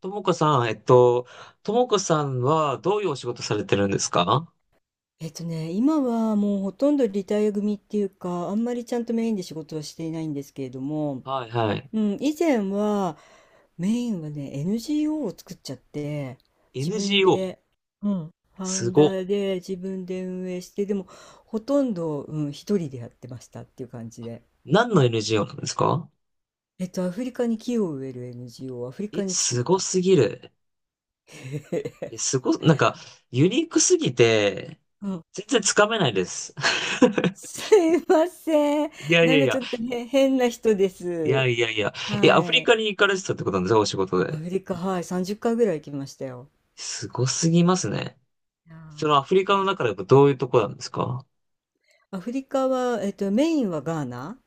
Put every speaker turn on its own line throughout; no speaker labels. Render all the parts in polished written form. ともこさん、ともこさんはどういうお仕事されてるんですか？
今はもうほとんどリタイア組っていうか、あんまりちゃんとメインで仕事はしていないんですけれども、
はいはい。
うん、以前はメインはね、NGO を作っちゃって、自分
NGO?
で、うん、ファウ
す
ンダ
ご。
ーで自分で運営して、でもほとんど、うん、一人でやってましたっていう感じで。
何の NGO なんですか？
アフリカに木を植える NGO をアフリカ
え、
に作っ
すご
た。
すぎる。え、すご、なんか、ユニークすぎて、
うん、
全然つかめないです。
すいません。
いやい
な
や
ん
い
かち
や、
ょっとへ変な人で
いや
す。
いやいや。え、アフリ
はい。
カに行かれてたってことなんですか？お仕事
ア
で。
フリカ、はい、30回ぐらい行きましたよ。
すごすぎますね。
いや
そのアフリ
ー
カの中でどういうとこなんですか？
アフリカは、メインはガーナ、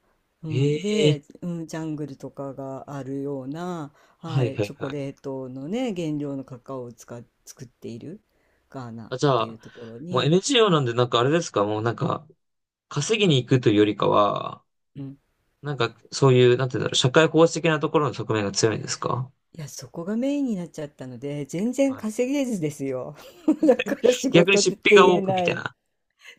うん、
ええ
で、うん、ジャングルとかがあるような、
ーは
は
い
い、
は
チ
い
ョ
は
コ
い。
レートのね、原料のカカオを使っ、作っているガーナっ
あ、じゃ
ていう
あ、
ところ
もう
に、
NGO なんで、なんかあれですか、もうなんか、稼ぎに行くというよりかは、
うん、
なんかそういう、なんていうんだろう、社会奉仕的なところの側面が強いんですか？
いや、そこがメインになっちゃったので、全然
はい。
稼げずですよ。だから仕
逆に
事って
出費が
言
多
え
くみ
な
たい
い。
な。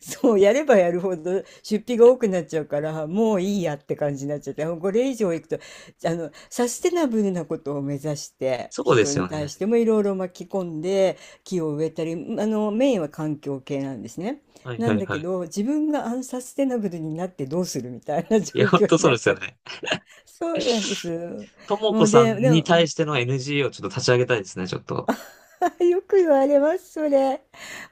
そう、やればやるほど出費が多くなっちゃうから、もういいやって感じになっちゃって、これ以上いくと、サステナブルなことを目指して、
そうで
人
すよ
に対
ね。
してもいろいろ巻き込んで、木を植えたり、メインは環境系なんですね。
はい
な
は
ん
い
だ
は
け
い。
ど、自分がアンサステナブルになってどうするみたいな状
いや、本
況
当
に
そう
なっ
です
ちゃ
よ
って。
ね。
そうなんです。
とも
も
こ
う
さん
で、で
に
も、
対しての NGO をちょっと立ち上げたいですね、ちょっと。
あ、よく言われます、それ。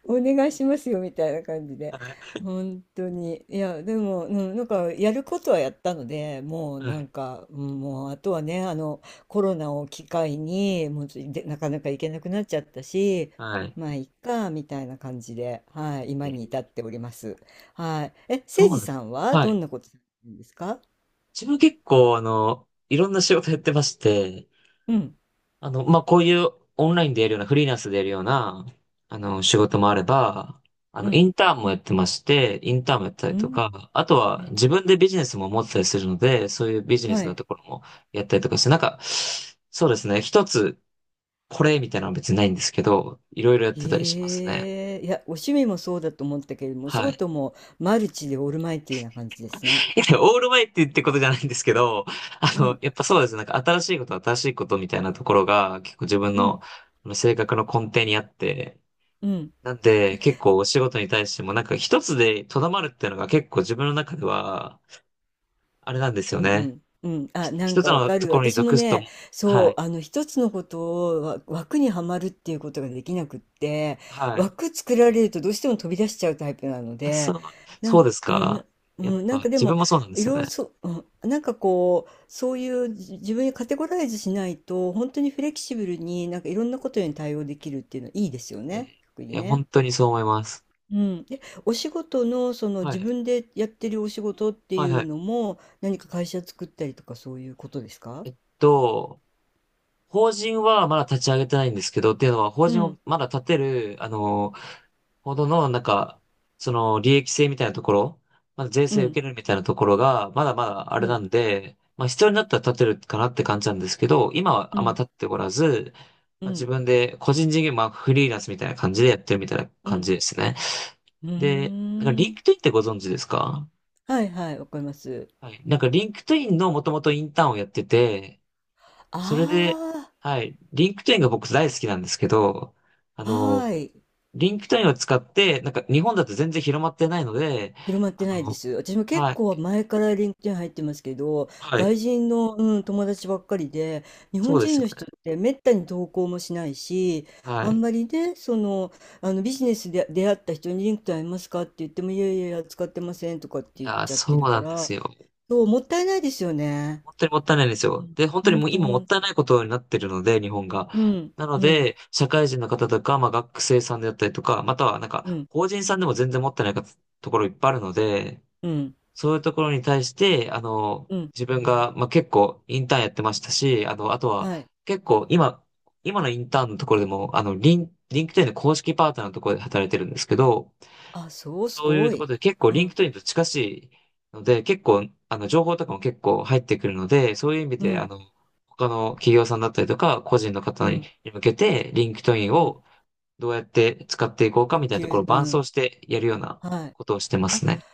お願いしますよ、みたいな感じで。
はい。
本当に。いや、でも、うん、なんか、やることはやったので、もう、
は
なん
い。
か、うんもう、あとはね、コロナを機会に、もうちょ、で、なかなか行けなくなっちゃったし、
はい。
まあ、いっか、みたいな感じで、はい、
え
今に
ー
至っております。はい。え、
そ
せ
う
い
な
じ
ん、
さんは、
は
ど
い。
んなことされてるんですか？
自分結構、いろんな仕事やってまして、
うん、
まあ、こういうオンラインでやるような、フリーランスでやるような、仕事もあれば、
う
イ
ん、
ンターンもやってまして、インターンもやった
う
りと
ん。
か、あとは
え、
自分でビジネスも持ってたりするので、そういうビジネ
は
スの
い。
ところもやったりとかして、なんか、そうですね、一つこれみたいなのは別にないんですけど、いろいろやってたりしますね。
へえ、いや、お趣味もそうだと思ったけれども、お仕
はい。
事もマルチでオールマイティーな感じですね。
いやオールマイティってことじゃないんですけど、
うん、
やっぱそうですね、なんか新しいことみたいなところが結構自分
う
の
ん、
性格の根底にあって、
うん。
なんで、結構お仕事に対しても、なんか一つでとどまるっていうのが結構自分の中では、あれなんです
うん
よね。
うん。うん、
ひ
あ、なん
一つ
かわ
の
か
と
る。
ころに
私も
属すと、
ね、
は
そ
い、
う、一つのことを枠にはまるっていうことができなくって、
はい。
枠作られるとどうしても飛び出しちゃうタイプなの
あ、そ
で、
う、
な
そう
んか、
です
うん、
か。やっ
なん
ぱ、
かで
自
も、
分もそうなんで
い
すよ
ろいろ
ね。
そう、うん、なんかこう、そういう自分にカテゴライズしないと、本当にフレキシブルになんかいろんなことに対応できるっていうのはいいですよ
えー
ね。特
い
に
や、本
ね。
当にそう思います。
うん。え、お仕事のその
は
自
い、
分でやってるお仕事ってい
はい、は
うの
い。
も、何か会社作ったりとかそういうことですか？
えっと、法人はまだ立ち上げてないんですけど、っていうのは、法
う
人を
ん、
まだ立てる、あの、ほどの、なんか、その、利益性みたいなところ、まだ税
う
制受
ん、
けるみたいなところが、まだまだあ
う
れな
ん、
んで、まあ必要になったら建てるかなって感じなんですけど、今
う
はあんま
ん、
建っておらず、
う
まあ、自
ん、
分で個人事業、まあフリーランスみたいな感じでやってるみたいな
う
感
ん。
じですね。
う
で、なんか
ー
リンク
ん。
トインってご存知ですか？
はいはい、わかります。
はい。なんかリンクトインのもともとインターンをやってて、それで、
あ
はい。リンクトインが僕大好きなんですけど、あ
あ、は
の、
い。
リンクトインを使って、なんか日本だと全然広まってないので、
広まって
あ
ないで
の、
す。私も結
はい、
構前からリンクトイン入ってますけど、
はい、
外人の、うん、友達ばっかりで、日
そ
本
うです
人
よ
の
ね。
人ってめったに投稿もしないし、
は
あん
い。
まりね、その、あのビジネスで出会った人にリンクトインありますかって言っても、いやいやいや、使ってませんとかっ
い
て言っ
やー、
ちゃっ
そ
て
う
るか
なんで
ら、
すよ。
そう、もったいないですよね。
本当にもったいないんです
う
よ。
ん、
で、本当
ほ
に
ん
もう
と
今
ほ
もっ
ん、
たいないことになってるので、日本が。
うん、
なので、社会人の方とか、まあ学生さんであったりとか、またはなん
う
か
ん、
法人さんでも全然持ってないかところいっぱいあるので、
うん、
そういうところに対して、
うん、
自分が、まあ、結構インターンやってましたし、あとは
はい。
結構今、今のインターンのところでも、あの、リンクトインの公式パートナーのところで働いてるんですけど、
あ、そう、す
そういう
ご
ところ
い。
で結構
う
リンク
ん、
トインと近しいので、結構、情報とかも結構入ってくるので、そういう意味
う
で、
ん、
他の企業さんだったりとか、個人の
う
方に
ん、
向けて、リンクトイン
うん、
をどうやって使っていこうかみたいなところを
う
伴走
ん、
してやるような
はい。
ことをしてま
あ、
すね。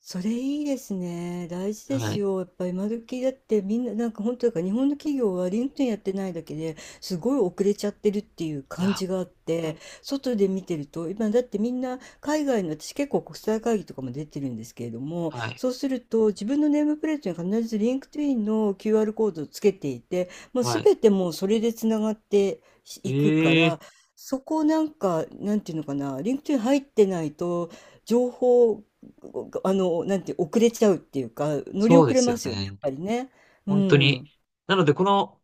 それいいですね。大事で
は
す
い。
よ。やっぱ今時だってみんななんか本当だから日本の企業はリンクトインやってないだけですごい遅れちゃってるっていう
い
感
や、
じがあっ
本当
て、
に、
外で見てると今だってみんな海外の私結構国際会議とかも出てるんですけれども、
はい。
そうすると自分のネームプレートに必ずリンクトインの QR コードをつけていて、もう
はい。
全てもうそれでつながっていくか
ええ、
ら、そこをなんか、なんていうのかな、リンクトイン入ってないと、情報なんて遅れちゃうっていうか、乗り
そう
遅
で
れ
す
ま
よ
すよね、やっ
ね。
ぱりね。う
本当に。
ん。
なので、この、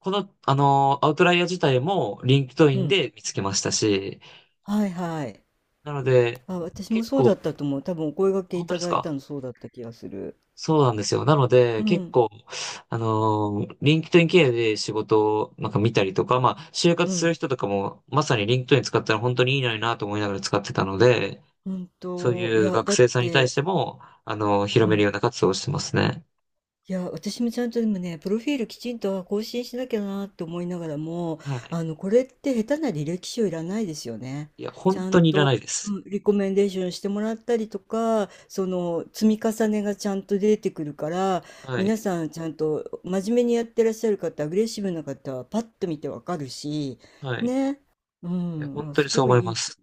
この、あのーアウトライヤー自体も、リンクトイ
う
ン
ん。
で見つけましたし、
はいはい。
なので、
あ、私も
結
そうだ
構、
ったと思う。多分お声掛け
本
い
当
た
です
だいた
か？
のそうだった気がする。
そうなんですよ。なの
う
で、結
ん。
構、あのーリンクトイン経由で仕事を、なんか見たりとか、まあ、就
う
活する
ん。
人とかも、まさにリンクトイン使ったら本当にいいのになと思いながら使ってたので、
うん
そう
と、い
いう
や、
学
だっ
生さんに対
て、
しても、あのー広
う
める
ん。
ような活動をしてますね。
いや、私もちゃんとでもね、プロフィールきちんと更新しなきゃなと思いながらも、
はい。
これって下手な履歴書いらないですよね。
いや、
ち
本
ゃ
当
ん
にいら
と、
ないです。
うん、リコメンデーションしてもらったりとか、その積み重ねがちゃんと出てくるから、
は
皆
い。
さんちゃんと真面目にやってらっしゃる方、アグレッシブな方はパッと見てわかるし、
はい。
ね。う
いや、本
ん、あ、
当に
す
そう
ご
思
い
い
い
ま
い
す。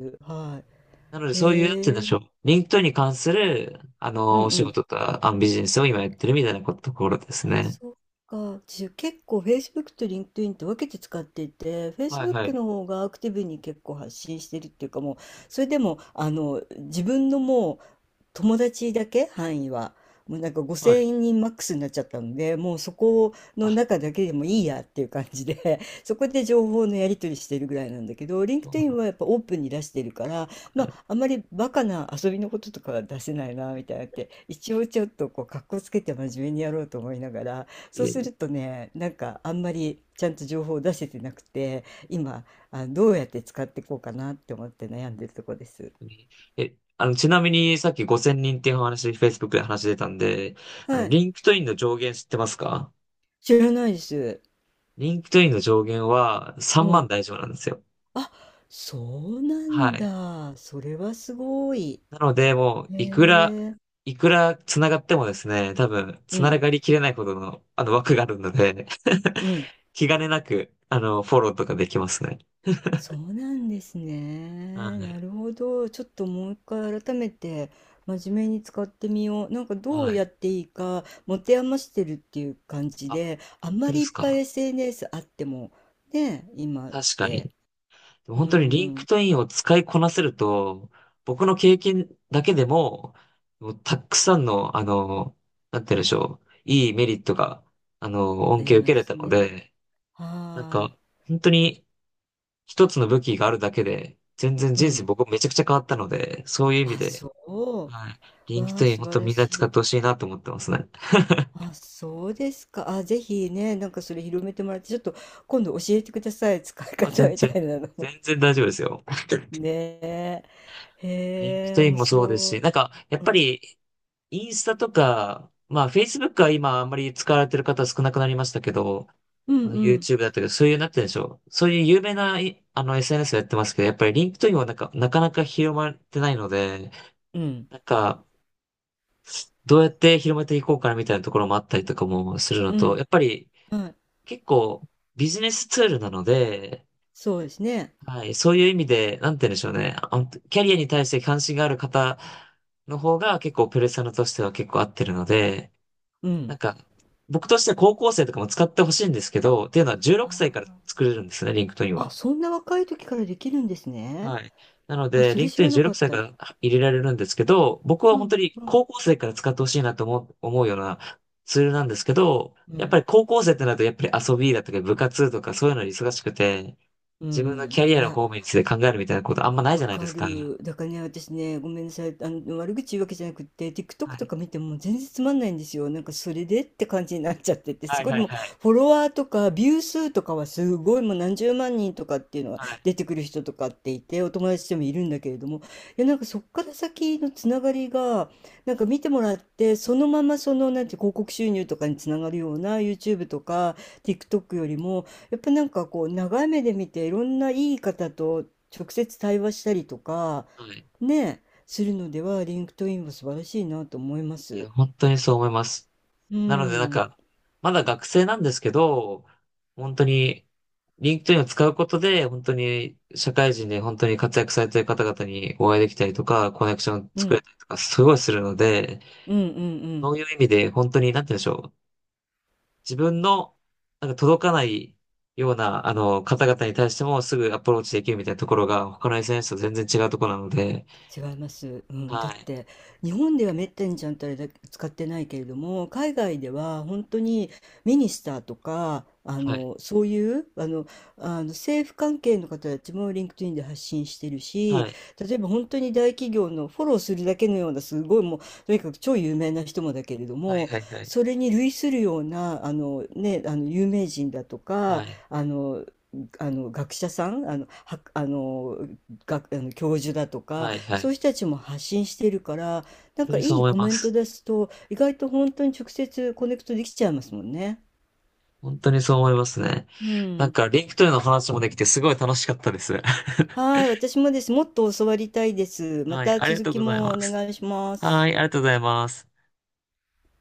です。は
なので、
い。
そういう、なんて言うん
へ
で
え。
しょう。リンクトインに関する、
うんう
お仕
ん。
事とか、あ、ビジネスを今やってるみたいなこと、ところですね。
そっか。結構 Facebook と LinkedIn って分けて使っていて、
はいは
Facebook
い。
の方がアクティブに結構発信してるっていうかもう、それでも、自分のもう、友達だけ範囲はもうなんか
はい。
5,000人マックスになっちゃったのでもうそこの
あ、
中だけでもいいやっていう感じで そこで情報のやり取りしてるぐらいなんだけど
そうな
LinkedIn は
ん
やっぱオープンに出してるからまあ
だ、
あんまりバカな遊びのこととかは出せないなみたいなって一応ちょっとこう格好つけて真面目にやろうと思いながらそ
い
う
え、
す
本
るとねなんかあんまりちゃんと情報を出せてなくて今どうやって使っていこうかなって思って悩んでるとこです。
当に、え、ちなみに、さっき5000人っていうお話、Facebook で話出たんで、
はい、
リンクトインの上限知ってますか？
知らないです。
リンクトインの上限は
う
3
ん。
万大丈夫なんですよ。
あ、そうな
は
ん
い。
だ。それはすごい。
なので、もう、
へ
いくら、
え。
いくら繋がってもですね、多分、
う
繋
ん、
がりきれないほどの、枠があるので
う ん。
気兼ねなく、フォローとかできますね。
そうなんです
は
ね。な
い。
るほど。ちょっともう一回改めて真面目に使ってみよう。なんかどう
は
やっ
い。
ていいか持て余してるっていう感じ
あ、
で、あ
本
んま
当で
りい
す
っぱい
か。
SNS あってもね、今っ
確かに。
て。
でも
う
本当にリンク
ん、
トインを使いこなせると、僕の経験だけでも、もうたくさんの、あの、なんて言うんでしょう。いいメリットが、
あ
恩
り
恵を受
ま
けれ
す
たの
ね。
で、なん
は
か、本当に、一つの武器があるだけで、全然
い。う
人生
ん。
僕めちゃくちゃ変わったので、そういう意味
あ、
で、
そ
はい。
う。
リンク
わ
ト
あ、
イン
素
本
晴
当
ら
みんな
し
使っ
い。
てほしいなと思ってますね。
あ、そうですか。あ、ぜひね、なんかそれ広めてもらって、ちょっと今度教えてください。使い
あ、
方
全
み
然、
たいなの。
全然大丈夫ですよ。
ねえ。
リン
へ
ク
え、
トイン
面
もそうです
白
し、
い。
なんか、やっ
う
ぱ
ん。
り、インスタとか、まあ、Facebook は今あんまり使われてる方少なくなりましたけど、
う
あ
ん
の
うん。
YouTube だったけど、そういう、なってるでしょう。そういう有名な、いSNS をやってますけど、やっぱりリンクトインはなんか、なかなか広まってないので、
うん。
なんか、どうやって広めていこうかなみたいなところもあったりとかもするの
う
と、
ん。
やっぱり
はい。
結構ビジネスツールなので、
そうですね。
はい、そういう意味で、なんて言うんでしょうね。あのキャリアに対して関心がある方の方が結構ペルソナとしては結構合ってるので、
う
なん
ん。
か、僕としては高校生とかも使ってほしいんですけど、っていうのは16歳から
あ
作れるんですね、リンクトイン
ー、あ、
は。
そんな若い時からできるんですね。
はい。なの
あ、
で、
そ
リン
れ
ク
知
トイン
らな
16
かっ
歳か
た。
ら入れられるんですけど、僕は
う
本
ん。
当に
うん。
高校生から使ってほしいなと思うようなツールなんですけど、
う
やっぱり
ん。
高校生ってなると、やっぱり遊びだとか部活とかそういうのに忙しくて、
う
自分のキ
ん。
ャリ
い
アの
や、
方面について考えるみたいなことあんまない
わ
じゃないで
か
すか。は
る。だからね、私ね、ごめんなさい。悪口言うわけじゃなくって、TikTok と
い。
か見ても全然つまんないんですよ。なんか、それでって感じになっちゃってて、す
はい
ごい、
は
で
い
も、
はい。
フォロワーとか、ビュー数とかはすごい、もう何十万人とかっていうのが
はい。
出てくる人とかっていて、お友達でもいるんだけれども、いや、なんか、そっから先のつながりが、なんか見てもらって、そのまま、その、なんて、広告収入とかにつながるような YouTube とか、TikTok よりも、やっぱなんかこう長い目で見ていろんないい方と直接対話したりとか、
はい。
ね、するのでは、リンクトインは素晴らしいなと思いま
い
す。
や、本当にそう思います。
う
なのでなん
ん。
か、まだ学生なんですけど、本当に、リンクトインを使うことで、本当に社会人で本当に活躍されてる方々にお会いできたりとか、コネクションを
う
作れ
ん。
たりとか、すごいするので、
うんうんう
そ
ん
ういう意味で本当に、なんて言うんでしょう。自分の、なんか届かないような、方々に対してもすぐアプローチできるみたいなところが、他の SNS と全然違うところなので、
違います、うん、だ
は
っ
い、
て日本ではめったにちゃんとあれだ使ってないけれども海外では本当にミニスターとかあ
はい、
のそういうあの、あの政府関係の方たちもリンクトインで発信してる
は
し
い、
例えば本当に大企業のフォローするだけのようなすごいもうとにかく超有名な人もだけれど
はい、
も
はい、はい、
それに類するようなね、あの有名人だと
は
か
い、
あのあの学者さんあの、はあの、学あの教授だとか
はい、はい、
そう
本
いう人たちも発信してるから、なん
当
か
にそう
いい
思い
コ
ま
メント
す。
出すと、意外と本当に直接コネクトできちゃいますもんね。
本当にそう思いますね。
う
なん
ん。
か、リンクトイの話もできてすごい楽しかったです。
はい、私もです。もっと教わりたいです。ま
はい、
た
ありが
続
とう
き
ござい
も
ま
お
す。
願いしま
は
す。
い、ありがとうございます。